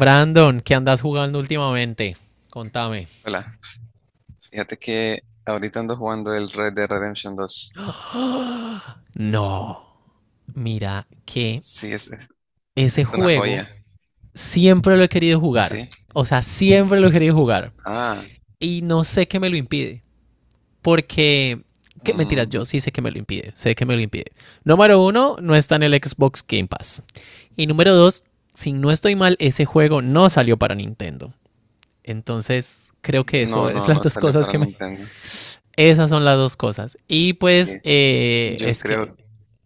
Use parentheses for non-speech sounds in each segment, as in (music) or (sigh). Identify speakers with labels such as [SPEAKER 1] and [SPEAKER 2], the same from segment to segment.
[SPEAKER 1] Brandon, ¿qué andas jugando últimamente? Contame.
[SPEAKER 2] Hola, fíjate que ahorita ando jugando el Red Dead Redemption 2.
[SPEAKER 1] (gasps) ¡Oh! No. Mira que
[SPEAKER 2] Sí,
[SPEAKER 1] ese
[SPEAKER 2] es una
[SPEAKER 1] juego
[SPEAKER 2] joya,
[SPEAKER 1] siempre lo he querido jugar.
[SPEAKER 2] ¿sí?
[SPEAKER 1] O sea, siempre lo he querido jugar.
[SPEAKER 2] Ah,
[SPEAKER 1] Y no sé qué me lo impide. Porque... ¿Qué? Mentiras, yo
[SPEAKER 2] mm,
[SPEAKER 1] sí sé que me lo impide. Sé que me lo impide. Número uno, no está en el Xbox Game Pass. Y número dos, si no estoy mal, ese juego no salió para Nintendo. Entonces, creo que eso
[SPEAKER 2] no,
[SPEAKER 1] es
[SPEAKER 2] no,
[SPEAKER 1] las
[SPEAKER 2] no
[SPEAKER 1] dos
[SPEAKER 2] salió
[SPEAKER 1] cosas
[SPEAKER 2] para
[SPEAKER 1] que me.
[SPEAKER 2] Nintendo.
[SPEAKER 1] Esas son las dos cosas. Y pues
[SPEAKER 2] Sí. Yo
[SPEAKER 1] es que,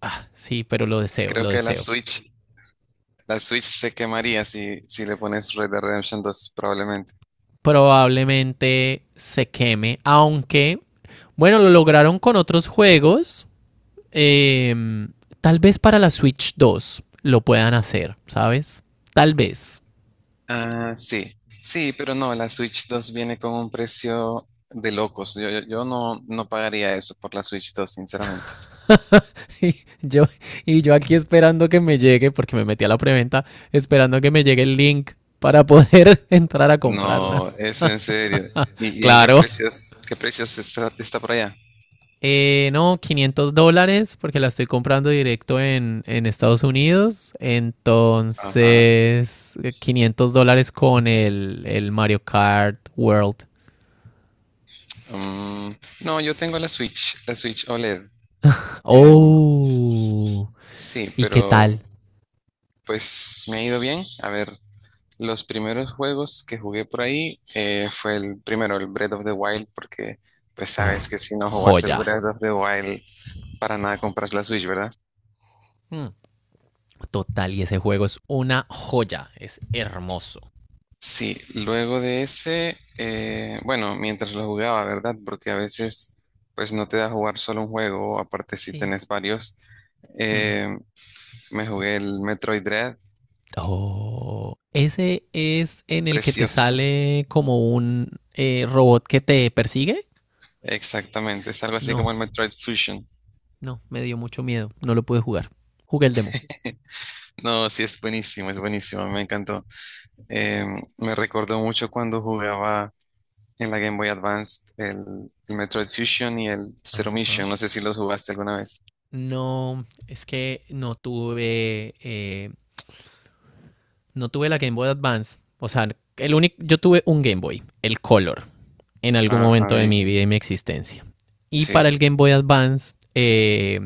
[SPEAKER 1] ah, sí, pero lo deseo,
[SPEAKER 2] creo
[SPEAKER 1] lo
[SPEAKER 2] que
[SPEAKER 1] deseo.
[SPEAKER 2] La Switch se quemaría si le pones Red Dead Redemption 2, probablemente.
[SPEAKER 1] Probablemente se queme, aunque, bueno, lo lograron con otros juegos. eh, Tal vez para la Switch 2 lo puedan hacer, ¿sabes? Tal vez.
[SPEAKER 2] Ah, sí, sí, pero no, la Switch 2 viene con un precio de locos. Yo no pagaría eso por la Switch 2, sinceramente.
[SPEAKER 1] (laughs) Y yo, y yo aquí esperando que me llegue, porque me metí a la preventa, esperando que me llegue el link para poder (laughs) entrar a comprarla.
[SPEAKER 2] No, es en serio. Y en
[SPEAKER 1] Claro.
[SPEAKER 2] qué precios está por allá?
[SPEAKER 1] No, $500 porque la estoy comprando directo en Estados Unidos.
[SPEAKER 2] Ajá.
[SPEAKER 1] Entonces, $500 con el Mario Kart World.
[SPEAKER 2] Mm, no, yo tengo la Switch OLED. Em,
[SPEAKER 1] Oh,
[SPEAKER 2] sí,
[SPEAKER 1] ¿y qué
[SPEAKER 2] pero
[SPEAKER 1] tal?
[SPEAKER 2] pues me ha ido bien. A ver, los primeros juegos que jugué por ahí fue el primero, el Breath of the Wild, porque pues
[SPEAKER 1] Uf,
[SPEAKER 2] sabes que si no jugas el
[SPEAKER 1] joya.
[SPEAKER 2] Breath of the Wild, para nada
[SPEAKER 1] Jo-
[SPEAKER 2] compras la Switch, ¿verdad?
[SPEAKER 1] mm, Total, y ese juego es una joya, es hermoso.
[SPEAKER 2] Sí, luego de ese, bueno, mientras lo jugaba, ¿verdad? Porque a veces, pues no te da jugar solo un juego, aparte si
[SPEAKER 1] Sí.
[SPEAKER 2] tenés varios.
[SPEAKER 1] Hmm.
[SPEAKER 2] Eh, me jugué el Metroid Dread,
[SPEAKER 1] Oh, ese es en el que te
[SPEAKER 2] precioso,
[SPEAKER 1] sale como un robot que te persigue.
[SPEAKER 2] exactamente, es algo así
[SPEAKER 1] No.
[SPEAKER 2] como el Metroid Fusion.
[SPEAKER 1] No, me dio mucho miedo. No lo pude jugar. Jugué el demo.
[SPEAKER 2] No, sí, es buenísimo, me encantó. Eh, me recordó mucho cuando jugaba en la Game Boy Advance el Metroid Fusion y el Zero
[SPEAKER 1] Ajá.
[SPEAKER 2] Mission, no sé si los jugaste alguna vez.
[SPEAKER 1] No, es que no tuve la Game Boy Advance. O sea, el único, yo tuve un Game Boy, el Color, en algún
[SPEAKER 2] Ajá,
[SPEAKER 1] momento de
[SPEAKER 2] bien,
[SPEAKER 1] mi vida y mi existencia. Y
[SPEAKER 2] sí.
[SPEAKER 1] para el Game Boy Advance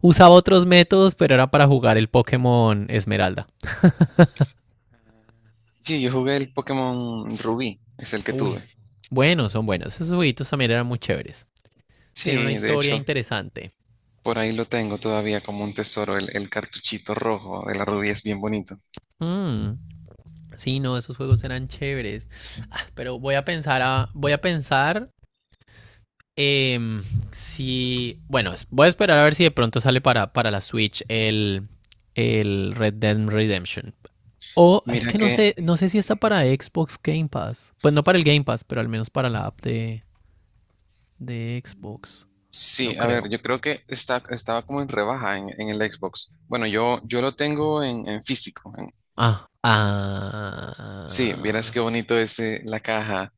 [SPEAKER 1] usaba otros métodos, pero era para jugar el Pokémon Esmeralda.
[SPEAKER 2] Sí, yo jugué el Pokémon Rubí, es el que
[SPEAKER 1] Uy,
[SPEAKER 2] tuve.
[SPEAKER 1] buenos, son buenos. Esos jueguitos también eran muy chéveres. Tienen una
[SPEAKER 2] Sí, de
[SPEAKER 1] historia
[SPEAKER 2] hecho,
[SPEAKER 1] interesante.
[SPEAKER 2] por ahí lo tengo todavía como un tesoro, el cartuchito rojo de la Rubí es bien bonito.
[SPEAKER 1] Mm, sí, no, esos juegos eran chéveres. Ah, pero voy a pensar em, si, bueno, voy a esperar a ver si de pronto sale para la Switch el Red Dead Redemption. O es
[SPEAKER 2] Mira
[SPEAKER 1] que no
[SPEAKER 2] que,
[SPEAKER 1] sé, no sé si está para Xbox Game Pass. Pues no para el Game Pass, pero al menos para la app de Xbox. No
[SPEAKER 2] sí, a ver,
[SPEAKER 1] creo.
[SPEAKER 2] yo creo que está, estaba como en rebaja en el Xbox. Bueno, yo lo tengo en físico.
[SPEAKER 1] Ah,
[SPEAKER 2] Sí, vieras
[SPEAKER 1] ah.
[SPEAKER 2] qué bonito es la caja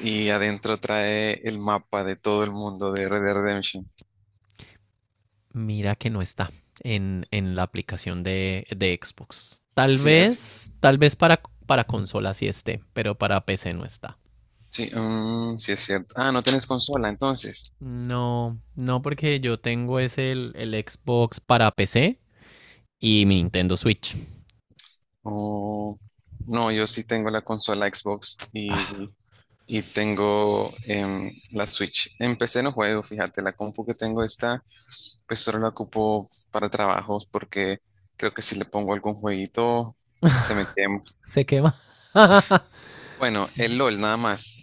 [SPEAKER 2] y adentro trae el mapa de todo el mundo de Red Dead Redemption.
[SPEAKER 1] Mira que no está en la aplicación de Xbox. Tal
[SPEAKER 2] Sí,
[SPEAKER 1] vez, tal vez para consola sí esté, pero para PC no está.
[SPEAKER 2] sí, sí es cierto. Ah, no tenés consola entonces.
[SPEAKER 1] No, no, porque yo tengo es el Xbox para PC y mi Nintendo Switch.
[SPEAKER 2] Oh, no, yo sí tengo la consola Xbox
[SPEAKER 1] Ah,
[SPEAKER 2] y tengo la Switch. En PC no juego, fíjate, la compu que tengo pues solo la ocupo para trabajos porque creo que si le pongo algún jueguito se me quema.
[SPEAKER 1] se quema. (laughs)
[SPEAKER 2] Bueno, el LOL nada más,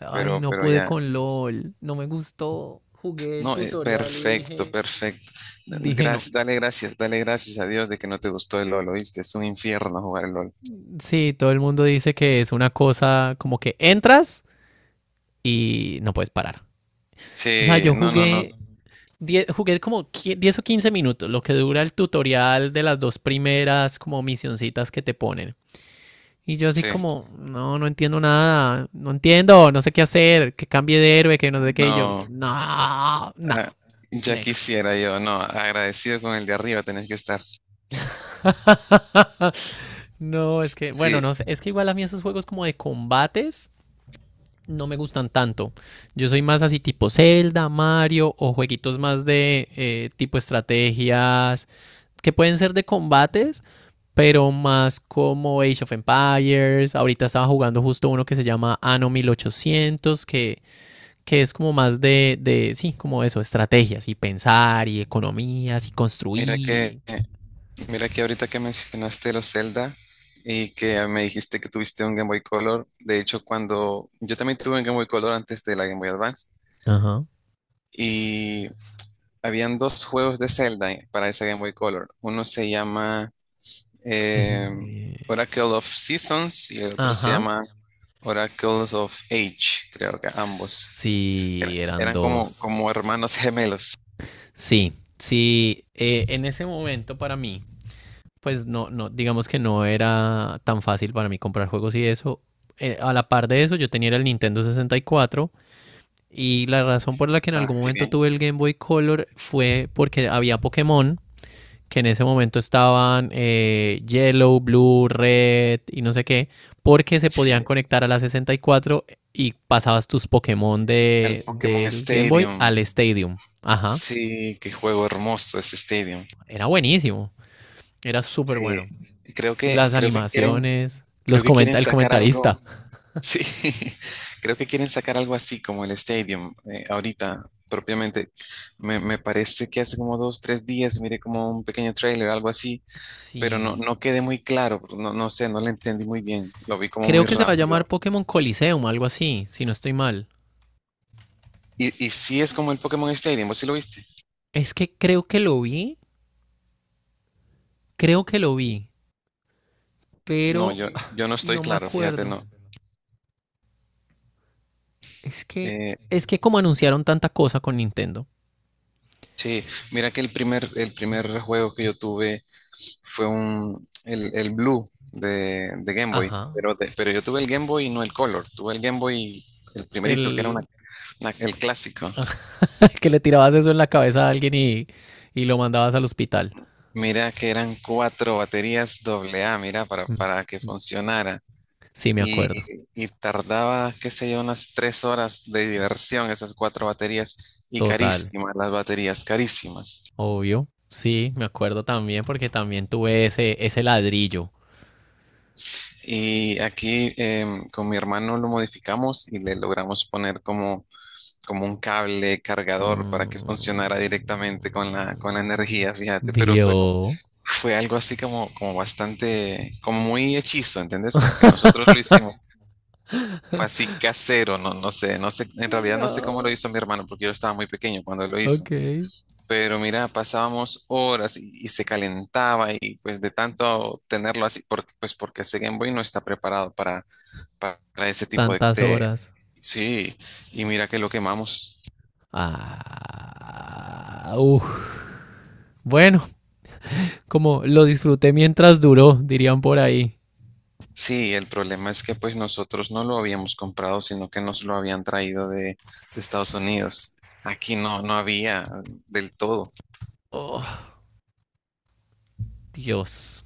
[SPEAKER 1] Ay, no
[SPEAKER 2] pero
[SPEAKER 1] pude
[SPEAKER 2] ya.
[SPEAKER 1] con LOL. No me gustó. Jugué el
[SPEAKER 2] No,
[SPEAKER 1] tutorial y
[SPEAKER 2] perfecto,
[SPEAKER 1] dije,
[SPEAKER 2] perfecto.
[SPEAKER 1] dije no.
[SPEAKER 2] Gracias, dale gracias, dale gracias a Dios de que no te gustó el LOL, ¿oíste? Es un infierno jugar el LOL.
[SPEAKER 1] Sí, todo el mundo dice que es una cosa como que entras y no puedes parar. O sea,
[SPEAKER 2] Sí,
[SPEAKER 1] yo
[SPEAKER 2] no, no, no,
[SPEAKER 1] jugué 10, jugué como 10 o 15 minutos, lo que dura el tutorial de las dos primeras como misioncitas que te ponen. Y yo así
[SPEAKER 2] sí,
[SPEAKER 1] como, no, no entiendo nada, no entiendo, no sé qué hacer, que cambie de héroe, que no sé qué. Y yo,
[SPEAKER 2] no.
[SPEAKER 1] no, no,
[SPEAKER 2] Ah, ya
[SPEAKER 1] next.
[SPEAKER 2] quisiera yo, no, agradecido con el de arriba tenés que estar.
[SPEAKER 1] (laughs) No, es que, bueno,
[SPEAKER 2] Sí,
[SPEAKER 1] no sé, es que igual a mí esos juegos como de combates no me gustan tanto. Yo soy más así tipo Zelda, Mario o jueguitos más de tipo estrategias que pueden ser de combates, pero más como Age of Empires. Ahorita estaba jugando justo uno que se llama Anno 1800, que es como más sí, como eso, estrategias y pensar y economías y
[SPEAKER 2] mira
[SPEAKER 1] construir
[SPEAKER 2] que,
[SPEAKER 1] y...
[SPEAKER 2] mira que ahorita que mencionaste los Zelda y que me dijiste que tuviste un Game Boy Color, de hecho cuando yo también tuve un Game Boy Color antes de la Game Boy Advance
[SPEAKER 1] Ajá.
[SPEAKER 2] y habían dos juegos de Zelda para esa Game Boy Color. Uno se llama eh,
[SPEAKER 1] eh,
[SPEAKER 2] Oracle of Seasons y el otro se
[SPEAKER 1] Ajá.
[SPEAKER 2] llama Oracles of Age, creo que ambos.
[SPEAKER 1] Sí, eran
[SPEAKER 2] Eran
[SPEAKER 1] dos.
[SPEAKER 2] como hermanos gemelos.
[SPEAKER 1] Sí, sí, en ese momento para mí, pues no, no, digamos que no era tan fácil para mí comprar juegos y eso. A la par de eso, yo tenía el Nintendo 64. Y la razón por la que en
[SPEAKER 2] Ah,
[SPEAKER 1] algún
[SPEAKER 2] sí,
[SPEAKER 1] momento
[SPEAKER 2] bien.
[SPEAKER 1] tuve el Game Boy Color fue porque había Pokémon, que en ese momento estaban Yellow, Blue, Red y no sé qué, porque se podían
[SPEAKER 2] Sí.
[SPEAKER 1] conectar a la 64 y cuatro y pasabas tus Pokémon
[SPEAKER 2] El
[SPEAKER 1] de,
[SPEAKER 2] Pokémon
[SPEAKER 1] del Game Boy
[SPEAKER 2] Stadium.
[SPEAKER 1] al Stadium. Ajá,
[SPEAKER 2] Sí, qué juego hermoso ese Stadium.
[SPEAKER 1] era buenísimo, era súper
[SPEAKER 2] Sí.
[SPEAKER 1] bueno.
[SPEAKER 2] Y
[SPEAKER 1] Y las animaciones,
[SPEAKER 2] creo
[SPEAKER 1] los
[SPEAKER 2] que
[SPEAKER 1] comenta
[SPEAKER 2] quieren
[SPEAKER 1] el
[SPEAKER 2] sacar
[SPEAKER 1] comentarista.
[SPEAKER 2] algo. Sí, (laughs) creo que quieren sacar algo así como el Stadium ahorita, propiamente. Me parece que hace como dos, tres días miré como un pequeño trailer, algo así, pero
[SPEAKER 1] Sí,
[SPEAKER 2] no quedé muy claro. No, no lo entendí muy bien. Lo vi como
[SPEAKER 1] creo
[SPEAKER 2] muy
[SPEAKER 1] que se va a llamar
[SPEAKER 2] rápido.
[SPEAKER 1] Pokémon Coliseum, algo así, si no estoy mal.
[SPEAKER 2] Y sí es como el Pokémon Stadium, ¿vos sí lo viste?
[SPEAKER 1] Es que creo que lo vi Creo que lo vi,
[SPEAKER 2] No,
[SPEAKER 1] pero
[SPEAKER 2] yo no estoy
[SPEAKER 1] no me
[SPEAKER 2] claro, fíjate,
[SPEAKER 1] acuerdo.
[SPEAKER 2] no.
[SPEAKER 1] Es que,
[SPEAKER 2] Eh,
[SPEAKER 1] es que como anunciaron tanta cosa con Nintendo.
[SPEAKER 2] Sí, mira que el primer juego que yo tuve fue el Blue de Game Boy,
[SPEAKER 1] Ajá.
[SPEAKER 2] pero yo tuve el Game Boy y no el Color, tuve el Game Boy, el primerito, que era
[SPEAKER 1] El
[SPEAKER 2] el clásico.
[SPEAKER 1] (laughs) que le tirabas eso en la cabeza a alguien y lo mandabas al hospital.
[SPEAKER 2] Mira que eran cuatro baterías doble A, mira, para que funcionara.
[SPEAKER 1] Sí, me
[SPEAKER 2] Y,
[SPEAKER 1] acuerdo.
[SPEAKER 2] y tardaba, qué sé yo, unas 3 horas de diversión esas cuatro baterías y
[SPEAKER 1] Total.
[SPEAKER 2] carísimas las baterías, carísimas.
[SPEAKER 1] Obvio. Sí, me acuerdo también porque también tuve ese ladrillo.
[SPEAKER 2] Y aquí con mi hermano lo modificamos y le logramos poner como un cable cargador para que funcionara directamente con con la
[SPEAKER 1] Mm.
[SPEAKER 2] energía, fíjate,
[SPEAKER 1] Vio.
[SPEAKER 2] fue algo así como bastante, como muy hechizo, ¿entendés? Como que nosotros lo hicimos, fue así casero, no, no sé, en realidad no sé cómo lo
[SPEAKER 1] No.
[SPEAKER 2] hizo mi hermano porque yo estaba muy pequeño cuando lo hizo,
[SPEAKER 1] Ok.
[SPEAKER 2] pero mira, pasábamos horas y se calentaba y pues de tanto tenerlo así, pues porque ese Game Boy no está preparado para ese tipo de,
[SPEAKER 1] Tantas
[SPEAKER 2] de-
[SPEAKER 1] horas.
[SPEAKER 2] Sí, y mira que lo quemamos.
[SPEAKER 1] Ah, uf. Bueno, como lo disfruté mientras duró, dirían por ahí.
[SPEAKER 2] Sí, el problema es que pues nosotros no lo habíamos comprado, sino que nos lo habían traído de Estados Unidos. Aquí no había del todo.
[SPEAKER 1] Oh, Dios.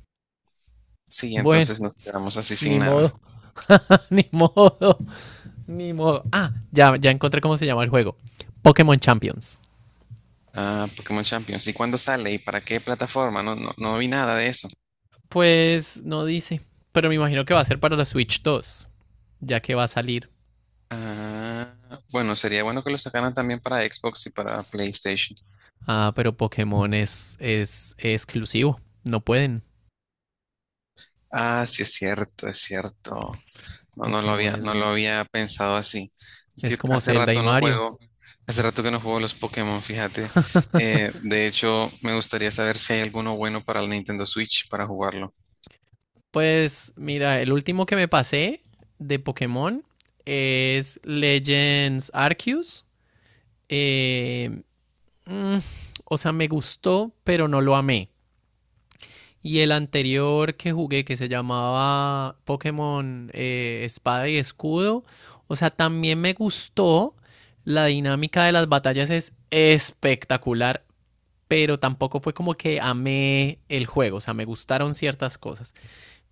[SPEAKER 2] Sí,
[SPEAKER 1] Bueno,
[SPEAKER 2] entonces nos quedamos así sin
[SPEAKER 1] ni
[SPEAKER 2] nada.
[SPEAKER 1] modo. (laughs) Ni modo. Ni modo. Ah, ya, ya encontré cómo se llama el juego. Pokémon Champions.
[SPEAKER 2] Ah, Pokémon Champions. ¿Y cuándo sale? ¿Y para qué plataforma? No, no, no vi nada de eso.
[SPEAKER 1] Pues no dice. Pero me imagino que va a ser para la Switch 2. Ya que va a salir.
[SPEAKER 2] Ah, bueno, sería bueno que lo sacaran también para Xbox y para PlayStation.
[SPEAKER 1] Ah, pero Pokémon es exclusivo. No pueden.
[SPEAKER 2] Ah, sí, es cierto, es cierto. No,
[SPEAKER 1] Pokémon es,
[SPEAKER 2] no lo había pensado así. Es
[SPEAKER 1] es
[SPEAKER 2] que
[SPEAKER 1] como Zelda y Mario.
[SPEAKER 2] hace rato que no juego los Pokémon, fíjate. De hecho, me gustaría saber si hay alguno bueno para el Nintendo Switch para jugarlo.
[SPEAKER 1] Pues mira, el último que me pasé de Pokémon es Legends Arceus. Eh, mm, o sea, me gustó, pero no lo amé. Y el anterior que jugué, que se llamaba Pokémon Espada y Escudo, o sea, también me gustó. La dinámica de las batallas es espectacular, pero tampoco fue como que amé el juego, o sea, me gustaron ciertas cosas.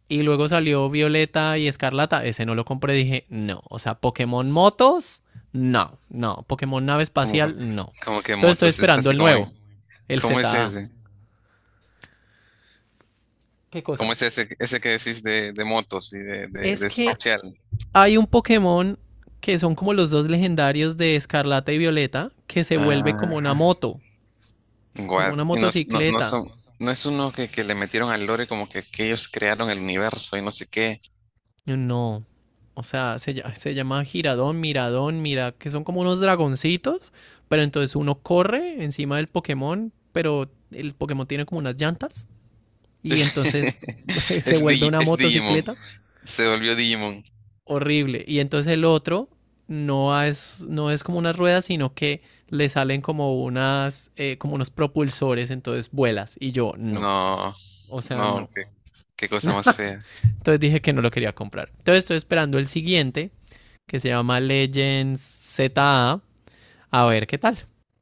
[SPEAKER 1] Y luego salió Violeta y Escarlata. Ese no lo compré. Dije, no. O sea, Pokémon Motos, no. No. Pokémon Nave
[SPEAKER 2] Como,
[SPEAKER 1] Espacial, no.
[SPEAKER 2] como que
[SPEAKER 1] Entonces estoy
[SPEAKER 2] motos, es
[SPEAKER 1] esperando
[SPEAKER 2] así
[SPEAKER 1] el
[SPEAKER 2] como
[SPEAKER 1] nuevo.
[SPEAKER 2] en,
[SPEAKER 1] El
[SPEAKER 2] ¿cómo es
[SPEAKER 1] ZA.
[SPEAKER 2] ese?
[SPEAKER 1] ¿Qué cosa?
[SPEAKER 2] ¿Cómo es ese que decís de motos y
[SPEAKER 1] Es
[SPEAKER 2] de
[SPEAKER 1] que
[SPEAKER 2] espacial?
[SPEAKER 1] hay un Pokémon que son como los dos legendarios de Escarlata y Violeta que se vuelve como una
[SPEAKER 2] Ajá.
[SPEAKER 1] moto. Como
[SPEAKER 2] Guad.
[SPEAKER 1] una
[SPEAKER 2] Y no, no, no
[SPEAKER 1] motocicleta.
[SPEAKER 2] son, no es uno que le metieron al lore como que ellos crearon el universo y no sé qué.
[SPEAKER 1] No. O sea, se llama giradón, miradón, mira, que son como unos dragoncitos, pero entonces uno corre encima del Pokémon, pero el Pokémon tiene como unas llantas y
[SPEAKER 2] (laughs)
[SPEAKER 1] entonces (laughs) se
[SPEAKER 2] Es,
[SPEAKER 1] vuelve
[SPEAKER 2] Digi-
[SPEAKER 1] una
[SPEAKER 2] es Digimon.
[SPEAKER 1] motocicleta
[SPEAKER 2] Se volvió Digimon.
[SPEAKER 1] horrible. Y entonces el otro no es como unas ruedas, sino que le salen como unos propulsores, entonces vuelas. Y yo, no.
[SPEAKER 2] No,
[SPEAKER 1] O sea,
[SPEAKER 2] no,
[SPEAKER 1] no.
[SPEAKER 2] qué cosa más fea.
[SPEAKER 1] (laughs) Entonces dije que no lo quería comprar. Entonces estoy esperando el siguiente que se llama Legends ZA. A ver qué tal.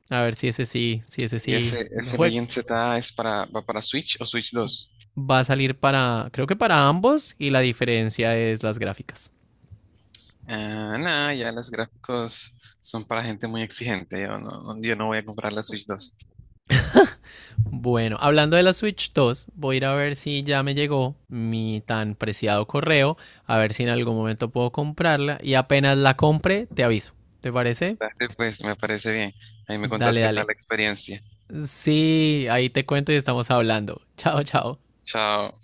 [SPEAKER 1] A ver si ese sí, si ese
[SPEAKER 2] ¿Y
[SPEAKER 1] sí lo
[SPEAKER 2] ese
[SPEAKER 1] juego.
[SPEAKER 2] Legend Z es va para Switch o Switch 2?
[SPEAKER 1] Va a salir para, creo que para ambos y la diferencia es las gráficas.
[SPEAKER 2] Ah, no, ya los gráficos son para gente muy exigente. Yo no voy a comprar la Switch 2.
[SPEAKER 1] Bueno, hablando de la Switch 2, voy a ir a ver si ya me llegó mi tan preciado correo, a ver si en algún momento puedo comprarla y apenas la compre te aviso. ¿Te parece?
[SPEAKER 2] Dale, pues, me parece bien. Ahí me contás
[SPEAKER 1] Dale,
[SPEAKER 2] qué tal
[SPEAKER 1] dale.
[SPEAKER 2] la experiencia.
[SPEAKER 1] Sí, ahí te cuento y estamos hablando. (laughs) Chao, chao.
[SPEAKER 2] Chao.